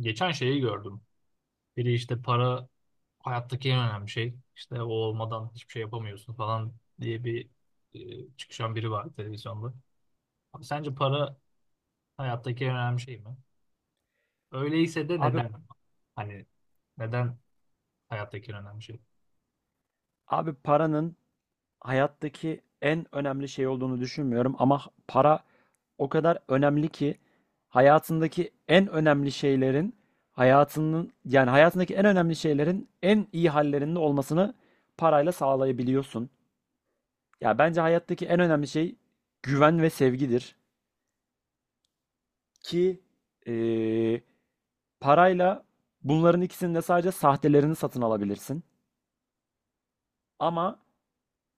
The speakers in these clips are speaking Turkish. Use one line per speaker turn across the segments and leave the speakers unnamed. Geçen şeyi gördüm. Biri işte para hayattaki en önemli şey. İşte o olmadan hiçbir şey yapamıyorsun falan diye bir çıkışan biri var televizyonda. Abi sence para hayattaki en önemli şey mi? Öyleyse de
Abi
neden? Hani neden hayattaki en önemli şey?
abi, paranın hayattaki en önemli şey olduğunu düşünmüyorum ama para o kadar önemli ki hayatındaki en önemli şeylerin hayatının yani hayatındaki en önemli şeylerin en iyi hallerinde olmasını parayla sağlayabiliyorsun. Ya bence hayattaki en önemli şey güven ve sevgidir ki eee, parayla bunların ikisinin de sadece sahtelerini satın alabilirsin. Ama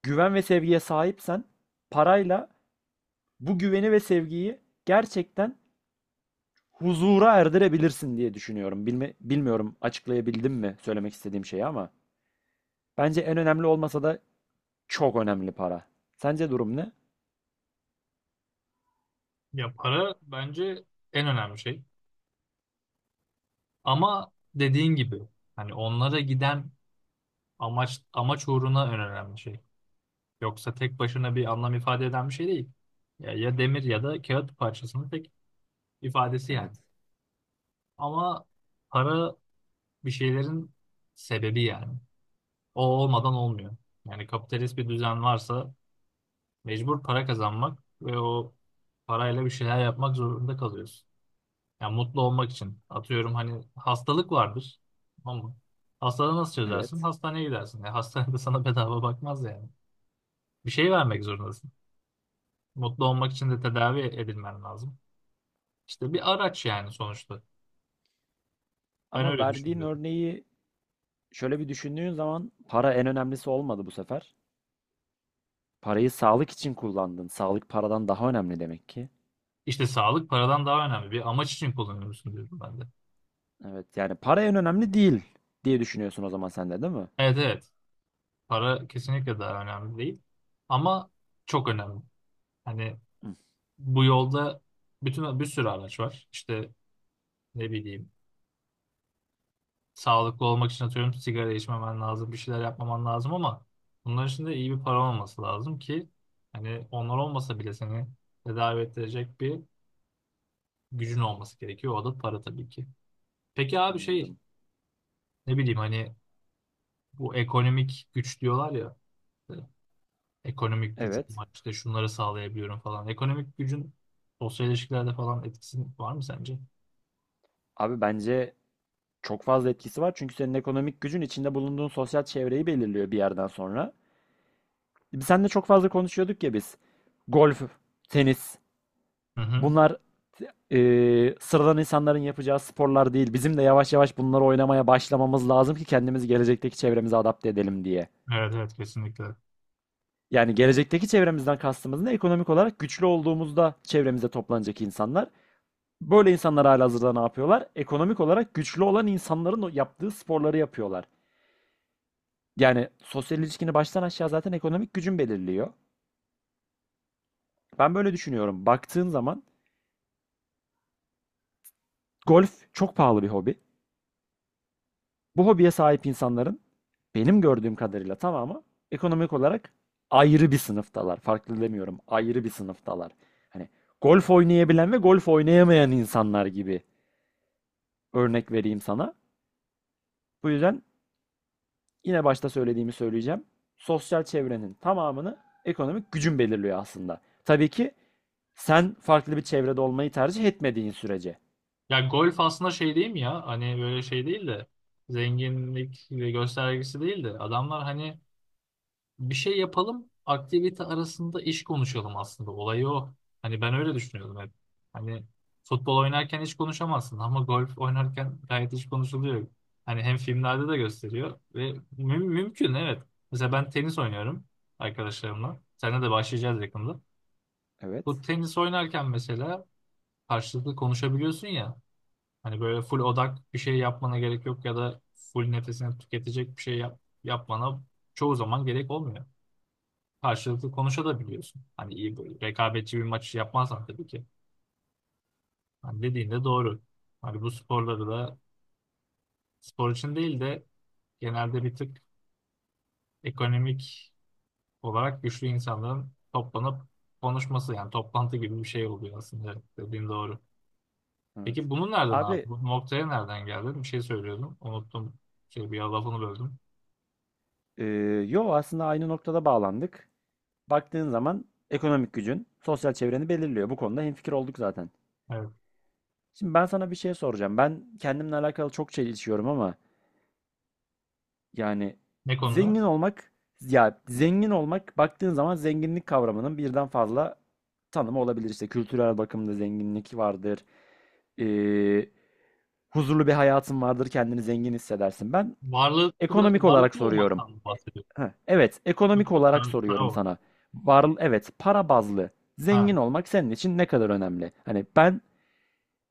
güven ve sevgiye sahipsen parayla bu güveni ve sevgiyi gerçekten huzura erdirebilirsin diye düşünüyorum. Bilmiyorum açıklayabildim mi söylemek istediğim şeyi ama bence en önemli olmasa da çok önemli para. Sence durum ne?
Ya para bence en önemli şey. Ama dediğin gibi hani onlara giden amaç uğruna en önemli şey. Yoksa tek başına bir anlam ifade eden bir şey değil. Ya, ya demir ya da kağıt parçasının tek ifadesi yani.
Evet.
Ama para bir şeylerin sebebi yani. O olmadan olmuyor. Yani kapitalist bir düzen varsa mecbur para kazanmak ve o parayla bir şeyler yapmak zorunda kalıyorsun. Yani mutlu olmak için. Atıyorum hani hastalık vardır ama hastalığı nasıl çözersin?
Evet.
Hastaneye gidersin. Yani hastanede sana bedava bakmaz yani. Bir şey vermek zorundasın. Mutlu olmak için de tedavi edilmen lazım. İşte bir araç yani sonuçta. Ben
Ama
öyle
verdiğin
düşünüyorum.
örneği şöyle bir düşündüğün zaman para en önemlisi olmadı bu sefer. Parayı sağlık için kullandın. Sağlık paradan daha önemli demek ki.
İşte sağlık paradan daha önemli. Bir amaç için kullanıyorsun diyorum ben de.
Evet, yani para en önemli değil diye düşünüyorsun o zaman sen de, değil mi?
Evet evet. Para kesinlikle daha önemli değil. Ama çok önemli. Hani
Hı,
bu yolda bütün bir sürü araç var. İşte ne bileyim sağlıklı olmak için atıyorum sigara içmemen lazım, bir şeyler yapmaman lazım ama bunların için de iyi bir para olması lazım ki hani onlar olmasa bile seni tedavi ettirecek bir gücün olması gerekiyor. O da para tabii ki. Peki abi şey
anladım.
ne bileyim hani bu ekonomik güç diyorlar ya. İşte ekonomik gücüm
Evet.
var işte şunları sağlayabiliyorum falan. Ekonomik gücün sosyal ilişkilerde falan etkisi var mı sence?
Abi, bence çok fazla etkisi var çünkü senin ekonomik gücün içinde bulunduğun sosyal çevreyi belirliyor bir yerden sonra. Biz seninle çok fazla konuşuyorduk ya biz. Golf, tenis,
Hı hı.
bunlar sıradan insanların yapacağı sporlar değil. Bizim de yavaş yavaş bunları oynamaya başlamamız lazım ki kendimizi gelecekteki çevremize adapte edelim diye.
Evet evet kesinlikle.
Yani gelecekteki çevremizden kastımız ne? Ekonomik olarak güçlü olduğumuzda çevremize toplanacak insanlar. Böyle insanlar halihazırda ne yapıyorlar? Ekonomik olarak güçlü olan insanların o yaptığı sporları yapıyorlar. Yani sosyal ilişkini baştan aşağı zaten ekonomik gücün belirliyor. Ben böyle düşünüyorum. Baktığın zaman golf çok pahalı bir hobi. Bu hobiye sahip insanların benim gördüğüm kadarıyla tamamı ekonomik olarak ayrı bir sınıftalar. Farklı demiyorum. Ayrı bir sınıftalar. Hani golf oynayabilen ve golf oynayamayan insanlar gibi, örnek vereyim sana. Bu yüzden yine başta söylediğimi söyleyeceğim. Sosyal çevrenin tamamını ekonomik gücün belirliyor aslında. Tabii ki sen farklı bir çevrede olmayı tercih etmediğin sürece.
Ya golf aslında şey değil mi ya? Hani böyle şey değil de zenginlik ve göstergesi değil de adamlar hani bir şey yapalım. Aktivite arasında iş konuşalım aslında. Olayı o. Hani ben öyle düşünüyordum hep. Hani futbol oynarken hiç konuşamazsın ama golf oynarken gayet hiç konuşuluyor. Hani hem filmlerde de gösteriyor ve mümkün evet. Mesela ben tenis oynuyorum arkadaşlarımla. Seninle de başlayacağız yakında. Bu
Evet,
tenis oynarken mesela karşılıklı konuşabiliyorsun ya. Hani böyle full odak bir şey yapmana gerek yok ya da full nefesini tüketecek bir şey yapmana çoğu zaman gerek olmuyor karşılıklı konuşabiliyorsun. Hani iyi böyle rekabetçi bir maç yapmazsan tabii ki. Hani dediğin de doğru. Hani bu sporları da spor için değil de genelde bir tık ekonomik olarak güçlü insanların toplanıp konuşması yani toplantı gibi bir şey oluyor aslında dediğin doğru.
evet.
Peki bunun nereden abi?
Abi,
Bu noktaya nereden geldin? Bir şey söylüyordum. Unuttum. Şey bir lafını böldüm.
e, yo, aslında aynı noktada bağlandık. Baktığın zaman ekonomik gücün sosyal çevreni belirliyor. Bu konuda hemfikir olduk zaten.
Evet.
Şimdi ben sana bir şey soracağım. Ben kendimle alakalı çok çelişiyorum ama yani
Ne konuda?
zengin olmak zengin olmak, baktığın zaman zenginlik kavramının birden fazla tanımı olabilir. İşte kültürel bakımda zenginlik vardır. Ee, Huzurlu bir hayatın vardır. Kendini zengin hissedersin. Ben
Varlıklı,
ekonomik olarak
varlıklı
soruyorum.
olmaktan mı bahsediyorsun?
Heh, evet,
Yok
ekonomik
yok para,
olarak
para
soruyorum
olarak.
sana. Var, evet, para bazlı
Ha.
zengin olmak senin için ne kadar önemli? Hani ben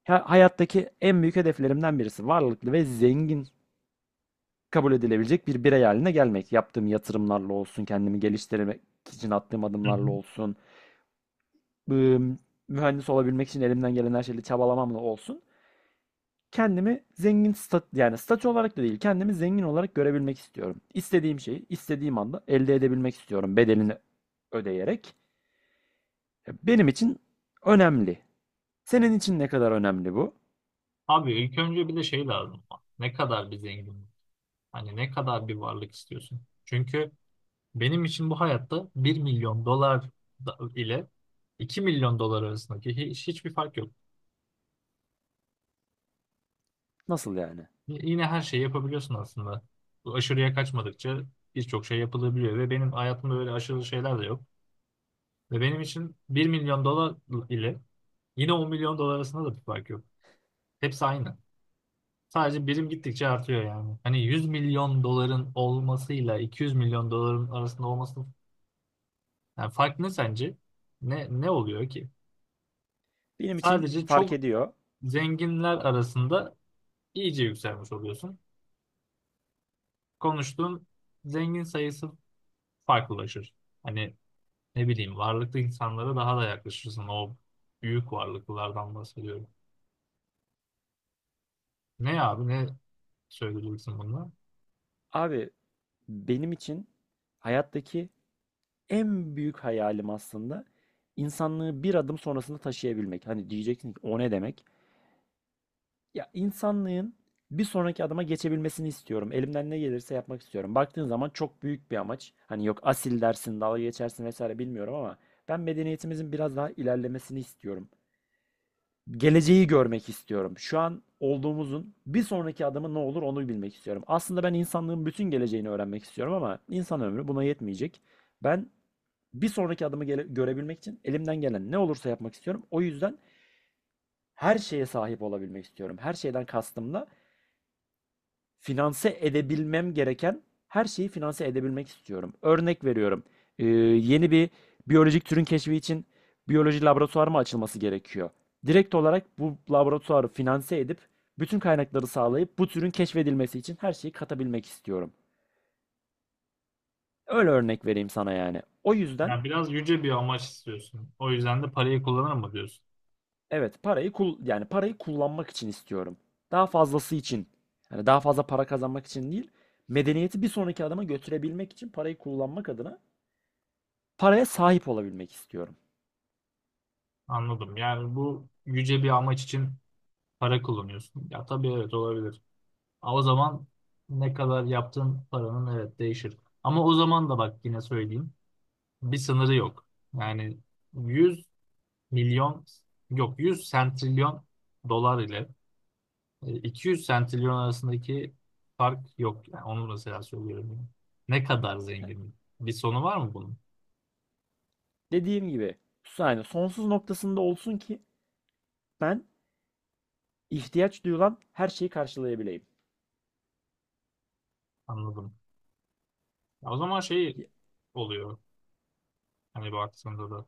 hayattaki en büyük hedeflerimden birisi varlıklı ve zengin kabul edilebilecek bir birey haline gelmek. Yaptığım yatırımlarla olsun, kendimi geliştirmek için attığım
Hı hı.
adımlarla olsun, ım, mühendis olabilmek için elimden gelen her şeyle çabalamamla olsun. Kendimi zengin stat yani statü olarak da değil, kendimi zengin olarak görebilmek istiyorum. İstediğim şeyi istediğim anda elde edebilmek istiyorum, bedelini ödeyerek. Benim için önemli. Senin için ne kadar önemli bu?
Abi ilk önce bir de şey lazım. Ne kadar bir zenginlik? Hani ne kadar bir varlık istiyorsun? Çünkü benim için bu hayatta 1 milyon dolar ile 2 milyon dolar arasındaki hiçbir fark yok.
Nasıl yani?
Yine her şeyi yapabiliyorsun aslında. Bu aşırıya kaçmadıkça birçok şey yapılabiliyor ve benim hayatımda öyle aşırı şeyler de yok. Ve benim için 1 milyon dolar ile yine 10 milyon dolar arasında da bir fark yok. Hepsi aynı. Sadece birim gittikçe artıyor yani. Hani 100 milyon doların olmasıyla 200 milyon doların arasında olması yani fark ne sence? Ne oluyor ki?
Benim için
Sadece
fark
çok
ediyor.
zenginler arasında iyice yükselmiş oluyorsun. Konuştuğun zengin sayısı farklılaşır. Hani ne bileyim varlıklı insanlara daha da yaklaşırsın. O büyük varlıklılardan bahsediyorum. Ne abi ne söyleyeceksin bununla?
Abi, benim için hayattaki en büyük hayalim aslında insanlığı bir adım sonrasında taşıyabilmek. Hani diyeceksin ki o ne demek? Ya, insanlığın bir sonraki adıma geçebilmesini istiyorum. Elimden ne gelirse yapmak istiyorum. Baktığın zaman çok büyük bir amaç. Hani yok asil dersin, dalga geçersin vesaire bilmiyorum ama ben medeniyetimizin biraz daha ilerlemesini istiyorum, geleceği görmek istiyorum. Şu an olduğumuzun bir sonraki adımı ne olur onu bilmek istiyorum. Aslında ben insanlığın bütün geleceğini öğrenmek istiyorum ama insan ömrü buna yetmeyecek. Ben bir sonraki adımı görebilmek için elimden gelen ne olursa yapmak istiyorum. O yüzden her şeye sahip olabilmek istiyorum. Her şeyden kastımla, finanse edebilmem gereken her şeyi finanse edebilmek istiyorum. Örnek veriyorum. Yeni bir biyolojik türün keşfi için biyoloji laboratuvarı mı açılması gerekiyor? Direkt olarak bu laboratuvarı finanse edip bütün kaynakları sağlayıp bu türün keşfedilmesi için her şeyi katabilmek istiyorum. Öyle örnek vereyim sana yani. O yüzden
Yani biraz yüce bir amaç istiyorsun. O yüzden de parayı kullanır mı diyorsun?
evet, parayı kullanmak için istiyorum. Daha fazlası için. Yani daha fazla para kazanmak için değil, medeniyeti bir sonraki adıma götürebilmek için parayı kullanmak adına paraya sahip olabilmek istiyorum.
Anladım. Yani bu yüce bir amaç için para kullanıyorsun. Ya tabii evet olabilir. Ama o zaman ne kadar yaptığın paranın evet değişir. Ama o zaman da bak yine söyleyeyim. Bir sınırı yok. Yani 100 milyon yok 100 sentrilyon dolar ile 200 sentrilyon arasındaki fark yok. Yani onu mesela söylüyorum. Yani. Ne kadar zengin? Bir sonu var mı bunun?
Dediğim gibi, yani sonsuz noktasında olsun ki ben ihtiyaç duyulan her şeyi karşılayabileyim.
Anladım. Ya o zaman şey
Y-
oluyor. Hani baktığında da.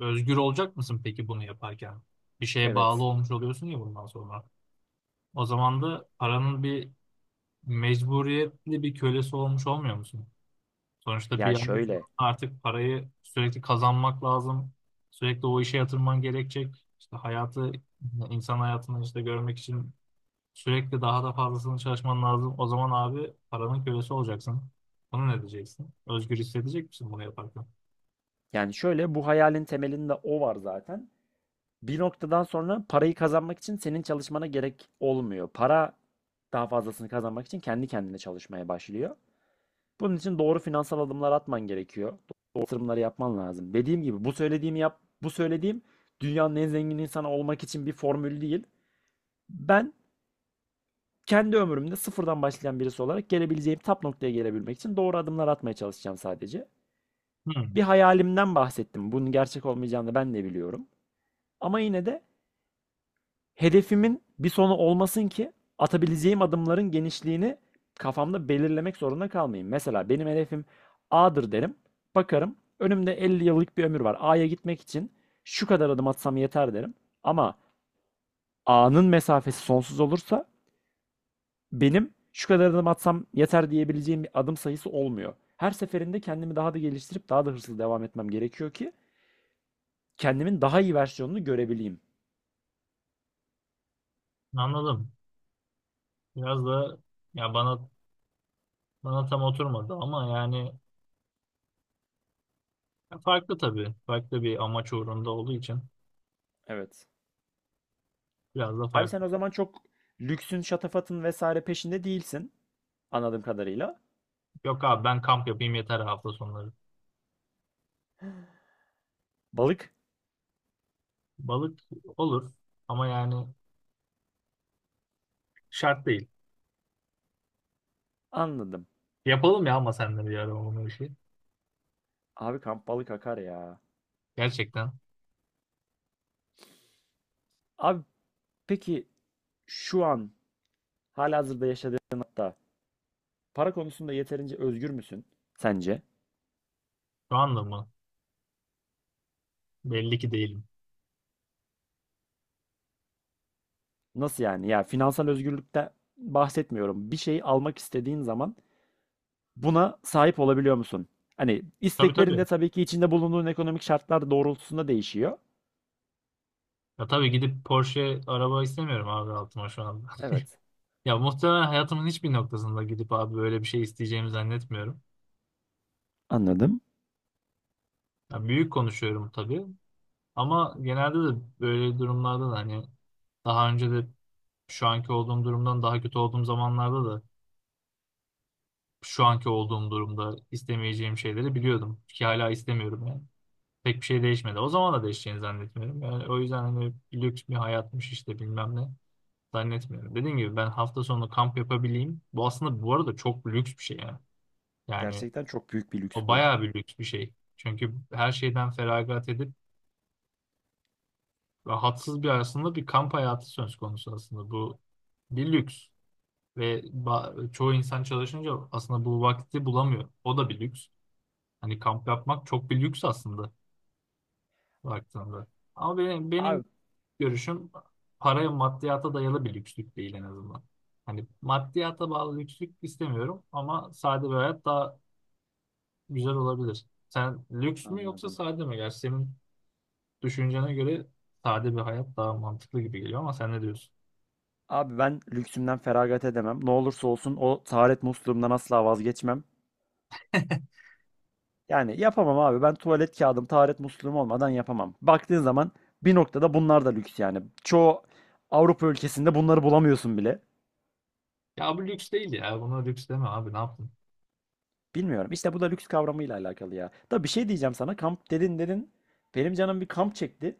Özgür olacak mısın peki bunu yaparken? Bir şeye bağlı
Evet.
olmuş oluyorsun ya bundan sonra. O zaman da paranın bir mecburiyetli bir kölesi olmuş olmuyor musun? Sonuçta bir
Ya
yanda
şöyle.
artık parayı sürekli kazanmak lazım. Sürekli o işe yatırman gerekecek. İşte hayatı, insan hayatını işte görmek için sürekli daha da fazlasını çalışman lazım. O zaman abi paranın kölesi olacaksın. Bunu ne diyeceksin? Özgür hissedecek misin bunu yaparken?
Yani şöyle, bu hayalin temelinde o var zaten. Bir noktadan sonra parayı kazanmak için senin çalışmana gerek olmuyor. Para daha fazlasını kazanmak için kendi kendine çalışmaya başlıyor. Bunun için doğru finansal adımlar atman gerekiyor. Doğru yatırımları yapman lazım. Dediğim gibi bu söylediğimi yap, bu söylediğim dünyanın en zengin insanı olmak için bir formül değil. Ben kendi ömrümde sıfırdan başlayan birisi olarak gelebileceğim tap noktaya gelebilmek için doğru adımlar atmaya çalışacağım sadece. Bir
Hmm,
hayalimden bahsettim. Bunun gerçek olmayacağını ben de biliyorum. Ama yine de hedefimin bir sonu olmasın ki atabileceğim adımların genişliğini kafamda belirlemek zorunda kalmayayım. Mesela benim hedefim A'dır derim. Bakarım önümde 50 yıllık bir ömür var. A'ya gitmek için şu kadar adım atsam yeter derim. Ama A'nın mesafesi sonsuz olursa benim şu kadar adım atsam yeter diyebileceğim bir adım sayısı olmuyor. Her seferinde kendimi daha da geliştirip daha da hırslı devam etmem gerekiyor ki kendimin daha iyi versiyonunu görebileyim.
anladım. Biraz da ya bana bana tam oturmadı ama yani ya farklı tabii. Farklı bir amaç uğrunda olduğu için
Evet.
biraz da
Abi sen
farklı.
o zaman çok lüksün, şatafatın vesaire peşinde değilsin. Anladığım kadarıyla.
Yok abi ben kamp yapayım yeter hafta sonları.
Balık?
Balık olur ama yani şart değil.
Anladım.
Yapalım ya ama sen de bir ara onu işi.
Abi kamp balık akar ya.
Gerçekten.
Abi peki şu an halihazırda yaşadığın hatta para konusunda yeterince özgür müsün sence?
Şu anda mı? Belli ki değilim.
Nasıl yani? Ya finansal özgürlükten bahsetmiyorum. Bir şey almak istediğin zaman buna sahip olabiliyor musun? Hani
Tabii
isteklerinde
tabii.
tabii ki içinde bulunduğun ekonomik şartlar doğrultusunda değişiyor.
Ya tabii gidip Porsche araba istemiyorum abi altıma şu anda.
Evet.
Ya muhtemelen hayatımın hiçbir noktasında gidip abi böyle bir şey isteyeceğimi zannetmiyorum.
Anladım.
Ya büyük konuşuyorum tabii. Ama genelde de böyle durumlarda da hani daha önce de şu anki olduğum durumdan daha kötü olduğum zamanlarda da şu anki olduğum durumda istemeyeceğim şeyleri biliyordum ki hala istemiyorum yani. Pek bir şey değişmedi. O zaman da değişeceğini zannetmiyorum. Yani o yüzden hani lüks bir hayatmış işte bilmem ne zannetmiyorum. Dediğim gibi ben hafta sonu kamp yapabileyim. Bu aslında bu arada çok lüks bir şey yani. Yani
Gerçekten çok büyük bir lüks
o
bu.
bayağı bir lüks bir şey. Çünkü her şeyden feragat edip rahatsız bir aslında bir kamp hayatı söz konusu aslında. Bu bir lüks ve çoğu insan çalışınca aslında bu vakti bulamıyor. O da bir lüks. Hani kamp yapmak çok bir lüks aslında baktığında. Ama benim
Abi
görüşüm paraya maddiyata dayalı bir lükslük değil en azından. Hani maddiyata bağlı lükslük istemiyorum ama sade bir hayat daha güzel olabilir. Sen lüks mü yoksa
anladım.
sade mi? Gerçi senin düşüncene göre sade bir hayat daha mantıklı gibi geliyor ama sen ne diyorsun?
Abi ben lüksümden feragat edemem. Ne olursa olsun o taharet musluğumdan asla vazgeçmem. Yani yapamam abi. Ben tuvalet kağıdım, taharet musluğum olmadan yapamam. Baktığın zaman bir noktada bunlar da lüks yani. Çoğu Avrupa ülkesinde bunları bulamıyorsun bile.
Ya bu lüks değil ya. Buna lüks deme abi ne yaptın?
Bilmiyorum. İşte bu da lüks kavramıyla alakalı ya. Da bir şey diyeceğim sana. Kamp dedin. Benim canım bir kamp çekti.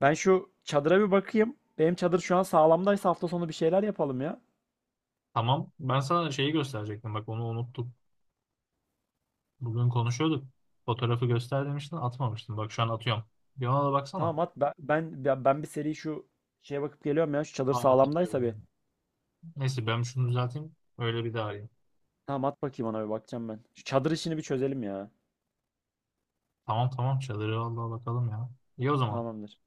Ben şu çadıra bir bakayım. Benim çadır şu an sağlamdaysa hafta sonu bir şeyler yapalım ya.
Tamam. Ben sana şeyi gösterecektim. Bak onu unuttum. Bugün konuşuyorduk. Fotoğrafı göster demiştin atmamıştın. Bak şu an atıyorum. Bir ona da baksana.
Tamam, at. Ben bir seri şu şeye bakıp geliyorum ya. Şu çadır
Aa
sağlamdaysa
atamıyorum ya.
bir.
Neyse ben şunu düzelteyim. Öyle bir daha arayayım.
Tamam at, bakayım, ona bir bakacağım ben. Şu çadır işini bir çözelim ya.
Tamam tamam çadırı vallahi bakalım ya. İyi o zaman.
Tamamdır.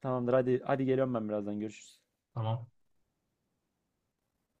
Tamamdır, hadi hadi, geliyorum ben, birazdan görüşürüz.
Tamam.